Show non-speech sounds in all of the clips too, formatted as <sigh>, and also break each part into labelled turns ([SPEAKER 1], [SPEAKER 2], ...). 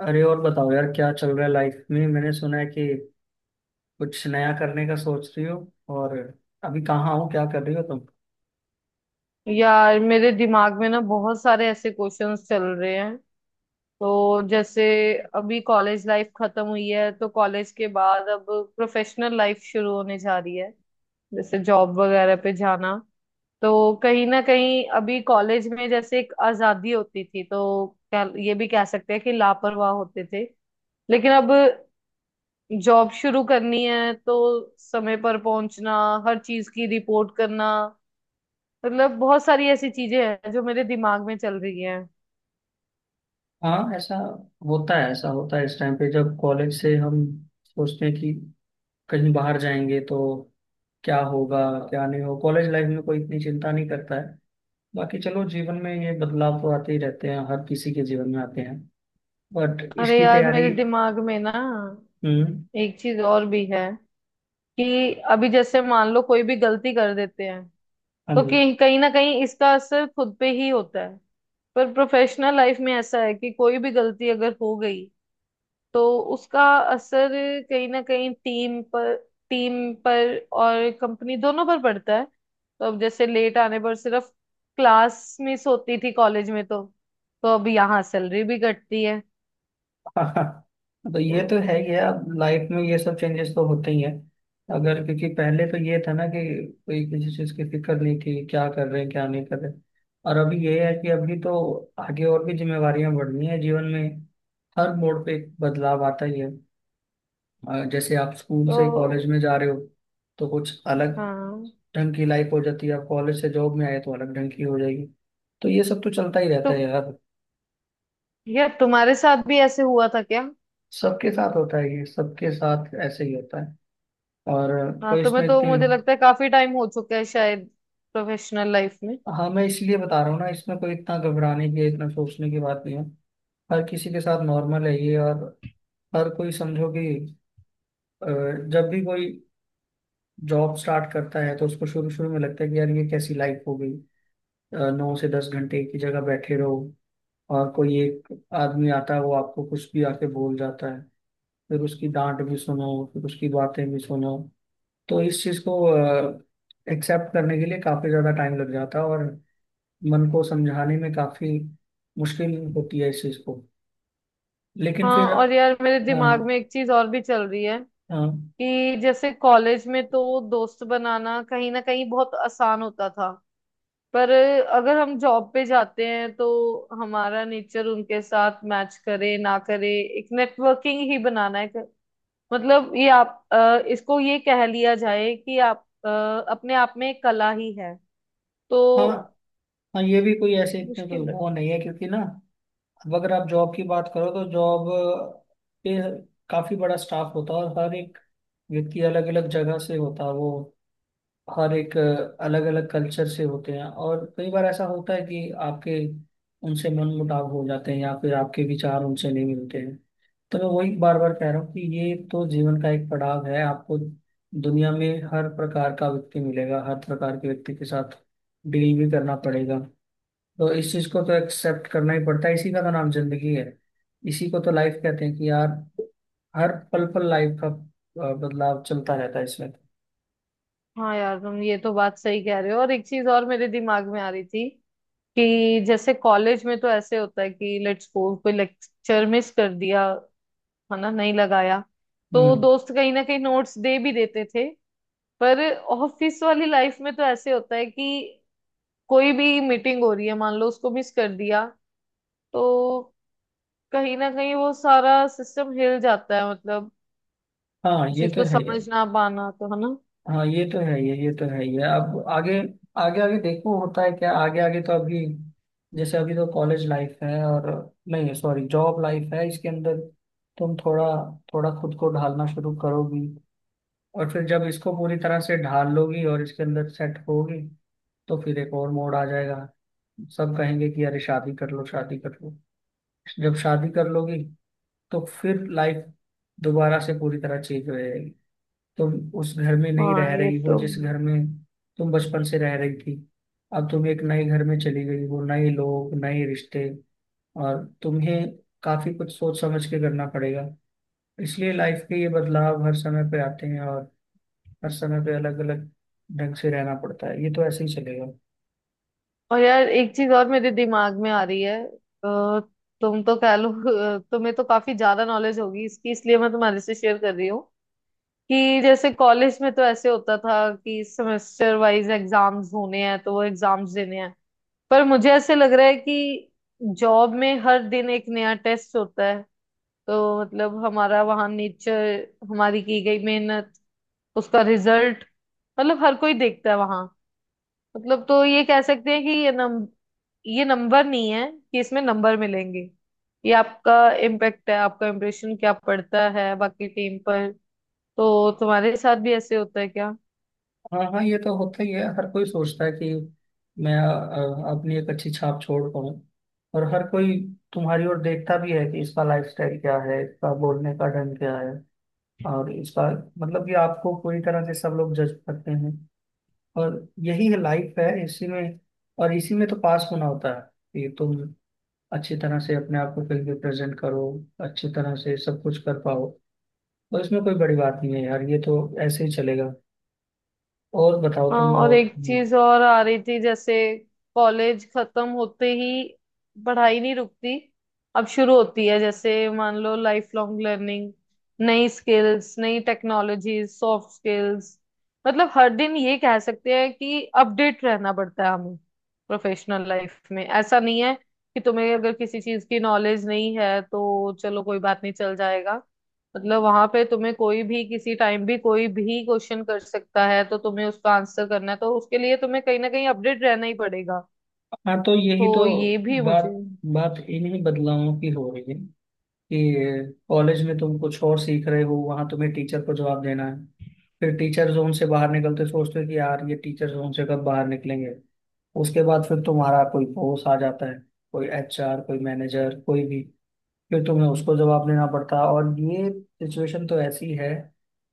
[SPEAKER 1] अरे, और बताओ यार, क्या चल रहा है लाइफ में। मैंने सुना है कि कुछ नया करने का सोच रही हो। और अभी कहाँ हो, क्या कर रही हो तुम?
[SPEAKER 2] यार, मेरे दिमाग में ना बहुत सारे ऐसे क्वेश्चंस चल रहे हैं। तो जैसे अभी कॉलेज लाइफ खत्म हुई है तो कॉलेज के बाद अब प्रोफेशनल लाइफ शुरू होने जा रही है, जैसे जॉब वगैरह पे जाना। तो कहीं ना कहीं अभी कॉलेज में जैसे एक आजादी होती थी, तो क्या ये भी कह सकते हैं कि लापरवाह होते थे। लेकिन अब जॉब शुरू करनी है तो समय पर पहुंचना, हर चीज की रिपोर्ट करना, मतलब बहुत सारी ऐसी चीजें हैं जो मेरे दिमाग में चल रही हैं।
[SPEAKER 1] हाँ, ऐसा होता है, ऐसा होता है इस टाइम पे, जब कॉलेज से हम सोचते हैं कि कहीं बाहर जाएंगे तो क्या होगा, क्या नहीं हो। कॉलेज लाइफ में कोई इतनी चिंता नहीं करता है। बाकी चलो, जीवन में ये बदलाव तो आते ही रहते हैं, हर किसी के जीवन में आते हैं। बट
[SPEAKER 2] अरे
[SPEAKER 1] इसकी
[SPEAKER 2] यार,
[SPEAKER 1] तैयारी।
[SPEAKER 2] मेरे दिमाग में ना
[SPEAKER 1] हम्म।
[SPEAKER 2] एक चीज और भी है कि अभी जैसे मान लो कोई भी गलती कर देते हैं
[SPEAKER 1] हाँ
[SPEAKER 2] तो
[SPEAKER 1] जी।
[SPEAKER 2] कहीं कहीं ना कहीं इसका असर खुद पे ही होता है। पर प्रोफेशनल लाइफ में ऐसा है कि कोई भी गलती अगर हो गई तो उसका असर कहीं ना कहीं टीम पर और कंपनी दोनों पर पड़ता है। तो अब जैसे लेट आने पर सिर्फ क्लास मिस होती थी कॉलेज में, तो अब यहाँ सैलरी भी घटती है।
[SPEAKER 1] हाँ, तो
[SPEAKER 2] तो
[SPEAKER 1] ये तो है ही है। अब लाइफ में ये सब चेंजेस तो होते ही हैं। अगर क्योंकि पहले तो ये था ना कि कोई किसी चीज की फिक्र नहीं थी, क्या कर रहे हैं क्या नहीं कर रहे हैं। और अभी ये है कि अभी तो आगे और भी जिम्मेवारियां बढ़नी है जीवन में। हर मोड़ पे एक बदलाव आता ही है। जैसे आप स्कूल से कॉलेज में
[SPEAKER 2] तो
[SPEAKER 1] जा रहे हो, तो कुछ अलग
[SPEAKER 2] हाँ।
[SPEAKER 1] ढंग की लाइफ हो जाती है। आप कॉलेज से जॉब में आए तो अलग ढंग की हो जाएगी। तो ये सब तो चलता ही रहता
[SPEAKER 2] तो
[SPEAKER 1] है यार।
[SPEAKER 2] यार, तुम्हारे साथ भी ऐसे हुआ था क्या?
[SPEAKER 1] सबके साथ होता है ये, सबके साथ ऐसे ही होता है। और
[SPEAKER 2] हाँ,
[SPEAKER 1] कोई इसमें
[SPEAKER 2] तुम्हें तो
[SPEAKER 1] इतनी।
[SPEAKER 2] मुझे लगता है काफी टाइम हो चुका है शायद, प्रोफेशनल लाइफ में।
[SPEAKER 1] हाँ, मैं इसलिए बता रहा हूँ ना, इसमें कोई इतना घबराने की, इतना सोचने की बात नहीं है। हर किसी के साथ नॉर्मल है ये। और हर कोई समझो कि अ, जब भी कोई जॉब स्टार्ट करता है तो उसको शुरू शुरू में लगता है कि यार ये कैसी लाइफ हो गई। 9 से 10 घंटे एक ही जगह बैठे रहो। और कोई एक आदमी आता है, वो आपको कुछ भी आके बोल जाता है। फिर उसकी डांट भी सुनो, फिर उसकी बातें भी सुनो। तो इस चीज़ को एक्सेप्ट करने के लिए काफी ज्यादा टाइम लग जाता है, और मन को समझाने में काफी मुश्किल होती है इस चीज को। लेकिन
[SPEAKER 2] हाँ,
[SPEAKER 1] फिर।
[SPEAKER 2] और यार, मेरे दिमाग
[SPEAKER 1] हाँ,
[SPEAKER 2] में एक चीज और भी चल रही है
[SPEAKER 1] हाँ,
[SPEAKER 2] कि जैसे कॉलेज में तो दोस्त बनाना कहीं ना कहीं बहुत आसान होता था। पर अगर हम जॉब पे जाते हैं तो हमारा नेचर उनके साथ मैच करे ना करे, एक नेटवर्किंग ही बनाना है। मतलब ये आप इसको ये कह लिया जाए कि आप अपने आप में एक कला ही है, तो
[SPEAKER 1] हाँ। हाँ, ये भी कोई ऐसे इतने कोई
[SPEAKER 2] मुश्किल है।
[SPEAKER 1] वो नहीं है, क्योंकि ना। अब अगर आप जॉब की बात करो तो जॉब पे काफी बड़ा स्टाफ होता है, और हर एक व्यक्ति अलग अलग जगह से होता है। वो हर एक अलग अलग कल्चर से होते हैं, और कई बार ऐसा होता है कि आपके उनसे मन मुटाव हो जाते हैं, या फिर आपके विचार उनसे नहीं मिलते हैं। तो मैं वही बार बार कह रहा हूँ कि ये तो जीवन का एक पड़ाव है। आपको दुनिया में हर प्रकार का व्यक्ति मिलेगा, हर प्रकार के व्यक्ति के साथ डील भी करना पड़ेगा। तो इस चीज को तो एक्सेप्ट करना ही पड़ता है। इसी का तो नाम जिंदगी है, इसी को तो लाइफ कहते हैं कि यार, हर पल पल लाइफ का बदलाव चलता रहता है इसमें।
[SPEAKER 2] हाँ यार, तुम ये तो बात सही कह रहे हो। और एक चीज और मेरे दिमाग में आ रही थी कि जैसे कॉलेज में तो ऐसे होता है कि लेट्स सपोज कोई लेक्चर मिस कर दिया, है ना, नहीं लगाया, तो
[SPEAKER 1] हम्म।
[SPEAKER 2] दोस्त कहीं ना कहीं नोट्स दे भी देते थे। पर ऑफिस वाली लाइफ में तो ऐसे होता है कि कोई भी मीटिंग हो रही है, मान लो उसको मिस कर दिया, तो कहीं ना कहीं वो सारा सिस्टम हिल जाता है। मतलब
[SPEAKER 1] हाँ,
[SPEAKER 2] उस
[SPEAKER 1] ये
[SPEAKER 2] चीज
[SPEAKER 1] तो
[SPEAKER 2] को
[SPEAKER 1] है ही है।
[SPEAKER 2] समझ ना पाना, तो है ना।
[SPEAKER 1] हाँ, ये तो है ये तो है ये। अब आगे आगे आगे देखो होता है क्या। आगे आगे तो अभी, जैसे अभी तो कॉलेज लाइफ है, और नहीं, सॉरी, जॉब लाइफ है। इसके अंदर तुम थोड़ा थोड़ा खुद को ढालना शुरू करोगी, और फिर जब इसको पूरी तरह से ढाल लोगी और इसके अंदर सेट होगी, तो फिर एक और मोड़ आ जाएगा। सब कहेंगे कि अरे, शादी कर लो, शादी कर लो। जब शादी कर लोगी, तो फिर लाइफ दोबारा से पूरी तरह चेंज हो जाएगी। तुम उस घर में नहीं
[SPEAKER 2] हाँ
[SPEAKER 1] रह
[SPEAKER 2] ये
[SPEAKER 1] रही हो
[SPEAKER 2] तो।
[SPEAKER 1] जिस घर में तुम बचपन से रह रही थी। अब तुम एक नए घर में चली गई हो, नए लोग, नए रिश्ते, और तुम्हें काफी कुछ सोच समझ के करना पड़ेगा। इसलिए लाइफ के ये बदलाव हर समय पे आते हैं, और हर समय पे अलग अलग ढंग से रहना पड़ता है। ये तो ऐसे ही चलेगा।
[SPEAKER 2] और यार, एक चीज और मेरे दिमाग में आ रही है। तुम तो कह लो, तुम्हें तो काफी ज्यादा नॉलेज होगी इसकी, इसलिए मैं तुम्हारे से शेयर कर रही हूँ कि जैसे कॉलेज में तो ऐसे होता था कि सेमेस्टर वाइज एग्जाम्स होने हैं तो वो एग्जाम्स देने हैं। पर मुझे ऐसे लग रहा है कि जॉब में हर दिन एक नया टेस्ट होता है। तो मतलब हमारा वहाँ नेचर, हमारी की गई मेहनत, उसका रिजल्ट, मतलब हर कोई देखता है वहाँ। मतलब तो ये कह सकते हैं कि ये नंबर नहीं है कि इसमें नंबर मिलेंगे। ये आपका इम्पैक्ट है, आपका इम्प्रेशन क्या पड़ता है बाकी टीम पर। तो तुम्हारे साथ भी ऐसे होता है क्या?
[SPEAKER 1] हाँ, हाँ, ये तो होता ही है। हर कोई सोचता है कि मैं अपनी एक अच्छी छाप छोड़ पाऊँ। और हर कोई तुम्हारी ओर देखता भी है कि इसका लाइफस्टाइल क्या है, इसका बोलने का ढंग क्या है, और इसका मतलब कि आपको पूरी तरह से सब लोग जज करते हैं। और यही है लाइफ, है इसी में। और इसी में तो पास होना होता है कि तुम अच्छी तरह से अपने आप को फिल्म में प्रेजेंट करो, अच्छी तरह से सब कुछ कर पाओ। तो इसमें कोई बड़ी बात नहीं है यार, ये तो ऐसे ही चलेगा। और बताओ
[SPEAKER 2] हाँ,
[SPEAKER 1] तुम,
[SPEAKER 2] और
[SPEAKER 1] और?
[SPEAKER 2] एक चीज और आ रही थी। जैसे कॉलेज खत्म होते ही पढ़ाई नहीं रुकती, अब शुरू होती है जैसे, मान लो, लाइफ लॉन्ग लर्निंग, नई स्किल्स, नई टेक्नोलॉजीज, सॉफ्ट स्किल्स, मतलब हर दिन ये कह सकते हैं कि अपडेट रहना पड़ता है हमें। प्रोफेशनल लाइफ में ऐसा नहीं है कि तुम्हें अगर किसी चीज की नॉलेज नहीं है तो चलो कोई बात नहीं, चल जाएगा। मतलब वहां पे तुम्हें कोई भी किसी टाइम भी कोई भी क्वेश्चन कर सकता है, तो तुम्हें उसका आंसर करना है, तो उसके लिए तुम्हें कहीं ना कहीं अपडेट रहना ही पड़ेगा।
[SPEAKER 1] हाँ, तो यही तो
[SPEAKER 2] तो ये भी मुझे।
[SPEAKER 1] बात बात इन्हीं बदलावों की हो रही है कि कॉलेज में तुम कुछ और सीख रहे हो, वहां तुम्हें टीचर को जवाब देना है। फिर टीचर जोन से बाहर निकलते सोचते हो कि यार ये टीचर जोन से कब बाहर निकलेंगे। उसके बाद फिर तुम्हारा कोई बॉस आ जाता है, कोई एचआर, कोई मैनेजर, कोई भी। फिर तुम्हें उसको जवाब देना पड़ता है। और ये सिचुएशन तो ऐसी है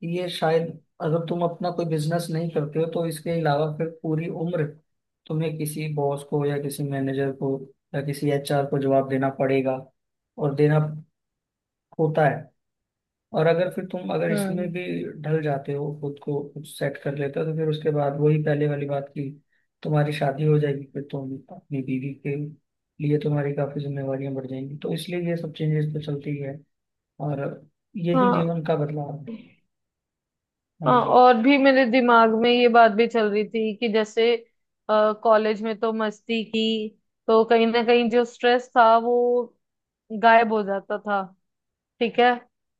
[SPEAKER 1] कि ये शायद, अगर तुम अपना कोई बिजनेस नहीं करते हो तो इसके अलावा फिर पूरी उम्र तुम्हें किसी बॉस को, या किसी मैनेजर को, या किसी एचआर को जवाब देना पड़ेगा। और देना होता है। और अगर फिर तुम, अगर इसमें
[SPEAKER 2] हम्म।
[SPEAKER 1] भी ढल जाते हो, खुद को कुछ सेट कर लेते हो, तो फिर उसके बाद वही पहले वाली बात की तुम्हारी शादी हो जाएगी। फिर तुम अपनी बीवी के लिए, तुम्हारी काफी जिम्मेवारियां बढ़ जाएंगी। तो इसलिए ये सब चेंजेस तो चलती ही है, और यही
[SPEAKER 2] हाँ,
[SPEAKER 1] जीवन का बदलाव है। हाँ
[SPEAKER 2] हाँ,
[SPEAKER 1] जी।
[SPEAKER 2] और भी मेरे दिमाग में ये बात भी चल रही थी कि जैसे कॉलेज में तो मस्ती की, तो कहीं ना कहीं जो स्ट्रेस था वो गायब हो जाता था। ठीक है।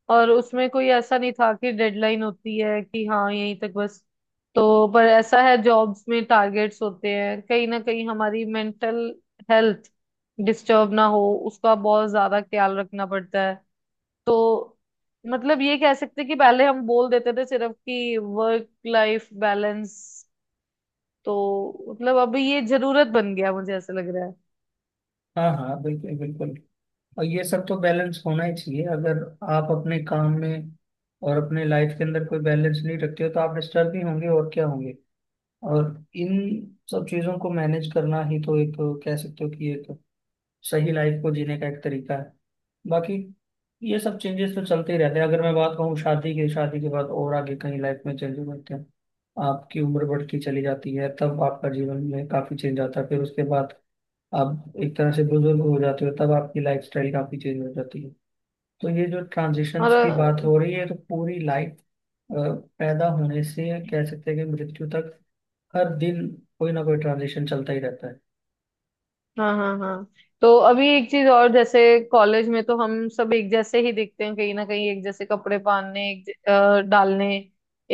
[SPEAKER 2] और उसमें कोई ऐसा नहीं था कि डेडलाइन होती है कि हाँ यहीं तक बस। तो पर ऐसा है जॉब्स में टारगेट्स होते हैं, कहीं ना कहीं हमारी मेंटल हेल्थ डिस्टर्ब ना हो उसका बहुत ज्यादा ख्याल रखना पड़ता है। तो मतलब ये कह सकते हैं कि पहले हम बोल देते थे सिर्फ कि वर्क लाइफ बैलेंस, तो मतलब अब ये जरूरत बन गया, मुझे ऐसा लग रहा है।
[SPEAKER 1] हाँ, हाँ, बिल्कुल, बिल्कुल। और ये सब तो बैलेंस होना ही चाहिए। अगर आप अपने काम में और अपने लाइफ के अंदर कोई बैलेंस नहीं रखते हो तो आप डिस्टर्ब ही होंगे, और क्या होंगे। और इन सब चीजों को मैनेज करना ही तो एक, कह सकते हो कि एक सही लाइफ को जीने का एक तरीका है। बाकी ये सब चेंजेस तो चलते ही रहते हैं। अगर मैं बात कहूँ, शादी के बाद और आगे कहीं लाइफ में चेंजेस होते हैं। आपकी उम्र बढ़ती चली जाती है, तब आपका जीवन में काफी चेंज आता है। फिर उसके बाद आप एक तरह से बुजुर्ग हो जाते हो, तब आपकी लाइफ स्टाइल काफी चेंज हो जाती है। तो ये जो
[SPEAKER 2] और।
[SPEAKER 1] ट्रांजिशंस की बात हो रही है, तो पूरी लाइफ, पैदा होने से कह सकते हैं कि मृत्यु तक, हर दिन कोई ना कोई ट्रांजिशन चलता ही रहता है।
[SPEAKER 2] हाँ, हाँ, हाँ। तो अभी एक चीज और, जैसे कॉलेज में तो हम सब एक जैसे ही दिखते हैं, कहीं ना कहीं एक जैसे कपड़े पहनने, डालने,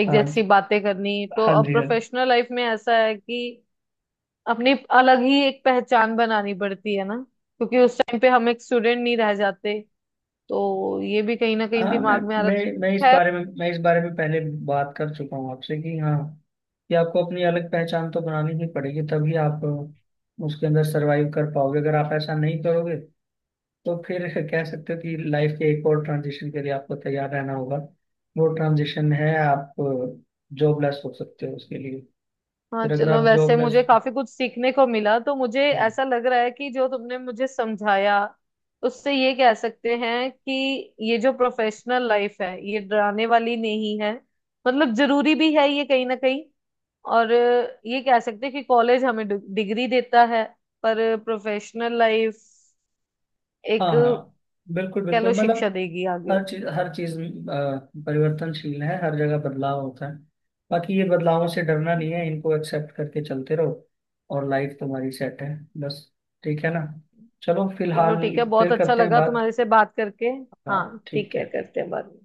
[SPEAKER 2] एक
[SPEAKER 1] हाँ,
[SPEAKER 2] जैसी बातें करनी। तो
[SPEAKER 1] हाँ
[SPEAKER 2] अब
[SPEAKER 1] जी, हाँ जी।
[SPEAKER 2] प्रोफेशनल लाइफ में ऐसा है कि अपनी अलग ही एक पहचान बनानी पड़ती है ना। क्योंकि उस टाइम पे हम एक स्टूडेंट नहीं रह जाते, तो ये भी कहीं ना कहीं
[SPEAKER 1] हाँ,
[SPEAKER 2] दिमाग में आ
[SPEAKER 1] मैं मैं
[SPEAKER 2] रहा है।
[SPEAKER 1] इस बारे में पहले बात कर चुका हूँ आपसे कि हाँ, कि आपको अपनी अलग पहचान तो बनानी ही पड़ेगी, तभी आप उसके अंदर सरवाइव कर पाओगे। अगर आप ऐसा नहीं करोगे, तो फिर <laughs> कह सकते हो कि लाइफ के एक और ट्रांजिशन के लिए आपको तैयार रहना होगा। वो ट्रांजिशन है, आप जॉबलेस हो सकते हो। उसके लिए
[SPEAKER 2] हाँ
[SPEAKER 1] फिर अगर
[SPEAKER 2] चलो,
[SPEAKER 1] आप
[SPEAKER 2] वैसे मुझे
[SPEAKER 1] जॉबलेस।
[SPEAKER 2] काफी कुछ सीखने को मिला, तो मुझे
[SPEAKER 1] हाँ,
[SPEAKER 2] ऐसा लग रहा है कि जो तुमने मुझे समझाया, उससे ये कह सकते हैं कि ये जो प्रोफेशनल लाइफ है, ये डराने वाली नहीं है। मतलब जरूरी भी है ये कहीं ना कहीं। और ये कह सकते हैं कि कॉलेज हमें डिग्री देता है, पर प्रोफेशनल लाइफ एक,
[SPEAKER 1] हाँ, हाँ, बिल्कुल,
[SPEAKER 2] कह
[SPEAKER 1] बिल्कुल।
[SPEAKER 2] लो, शिक्षा
[SPEAKER 1] मतलब,
[SPEAKER 2] देगी आगे।
[SPEAKER 1] हर चीज, हर चीज परिवर्तनशील है, हर जगह बदलाव होता है। बाकी ये बदलावों से डरना नहीं है, इनको एक्सेप्ट करके चलते रहो, और लाइफ तुम्हारी सेट है। बस। ठीक है ना? चलो फिलहाल,
[SPEAKER 2] चलो ठीक है, बहुत
[SPEAKER 1] फिर
[SPEAKER 2] अच्छा
[SPEAKER 1] करते हैं
[SPEAKER 2] लगा
[SPEAKER 1] बात।
[SPEAKER 2] तुम्हारे से बात करके।
[SPEAKER 1] हाँ
[SPEAKER 2] हाँ ठीक
[SPEAKER 1] ठीक
[SPEAKER 2] है,
[SPEAKER 1] है।
[SPEAKER 2] करते हैं बाद में।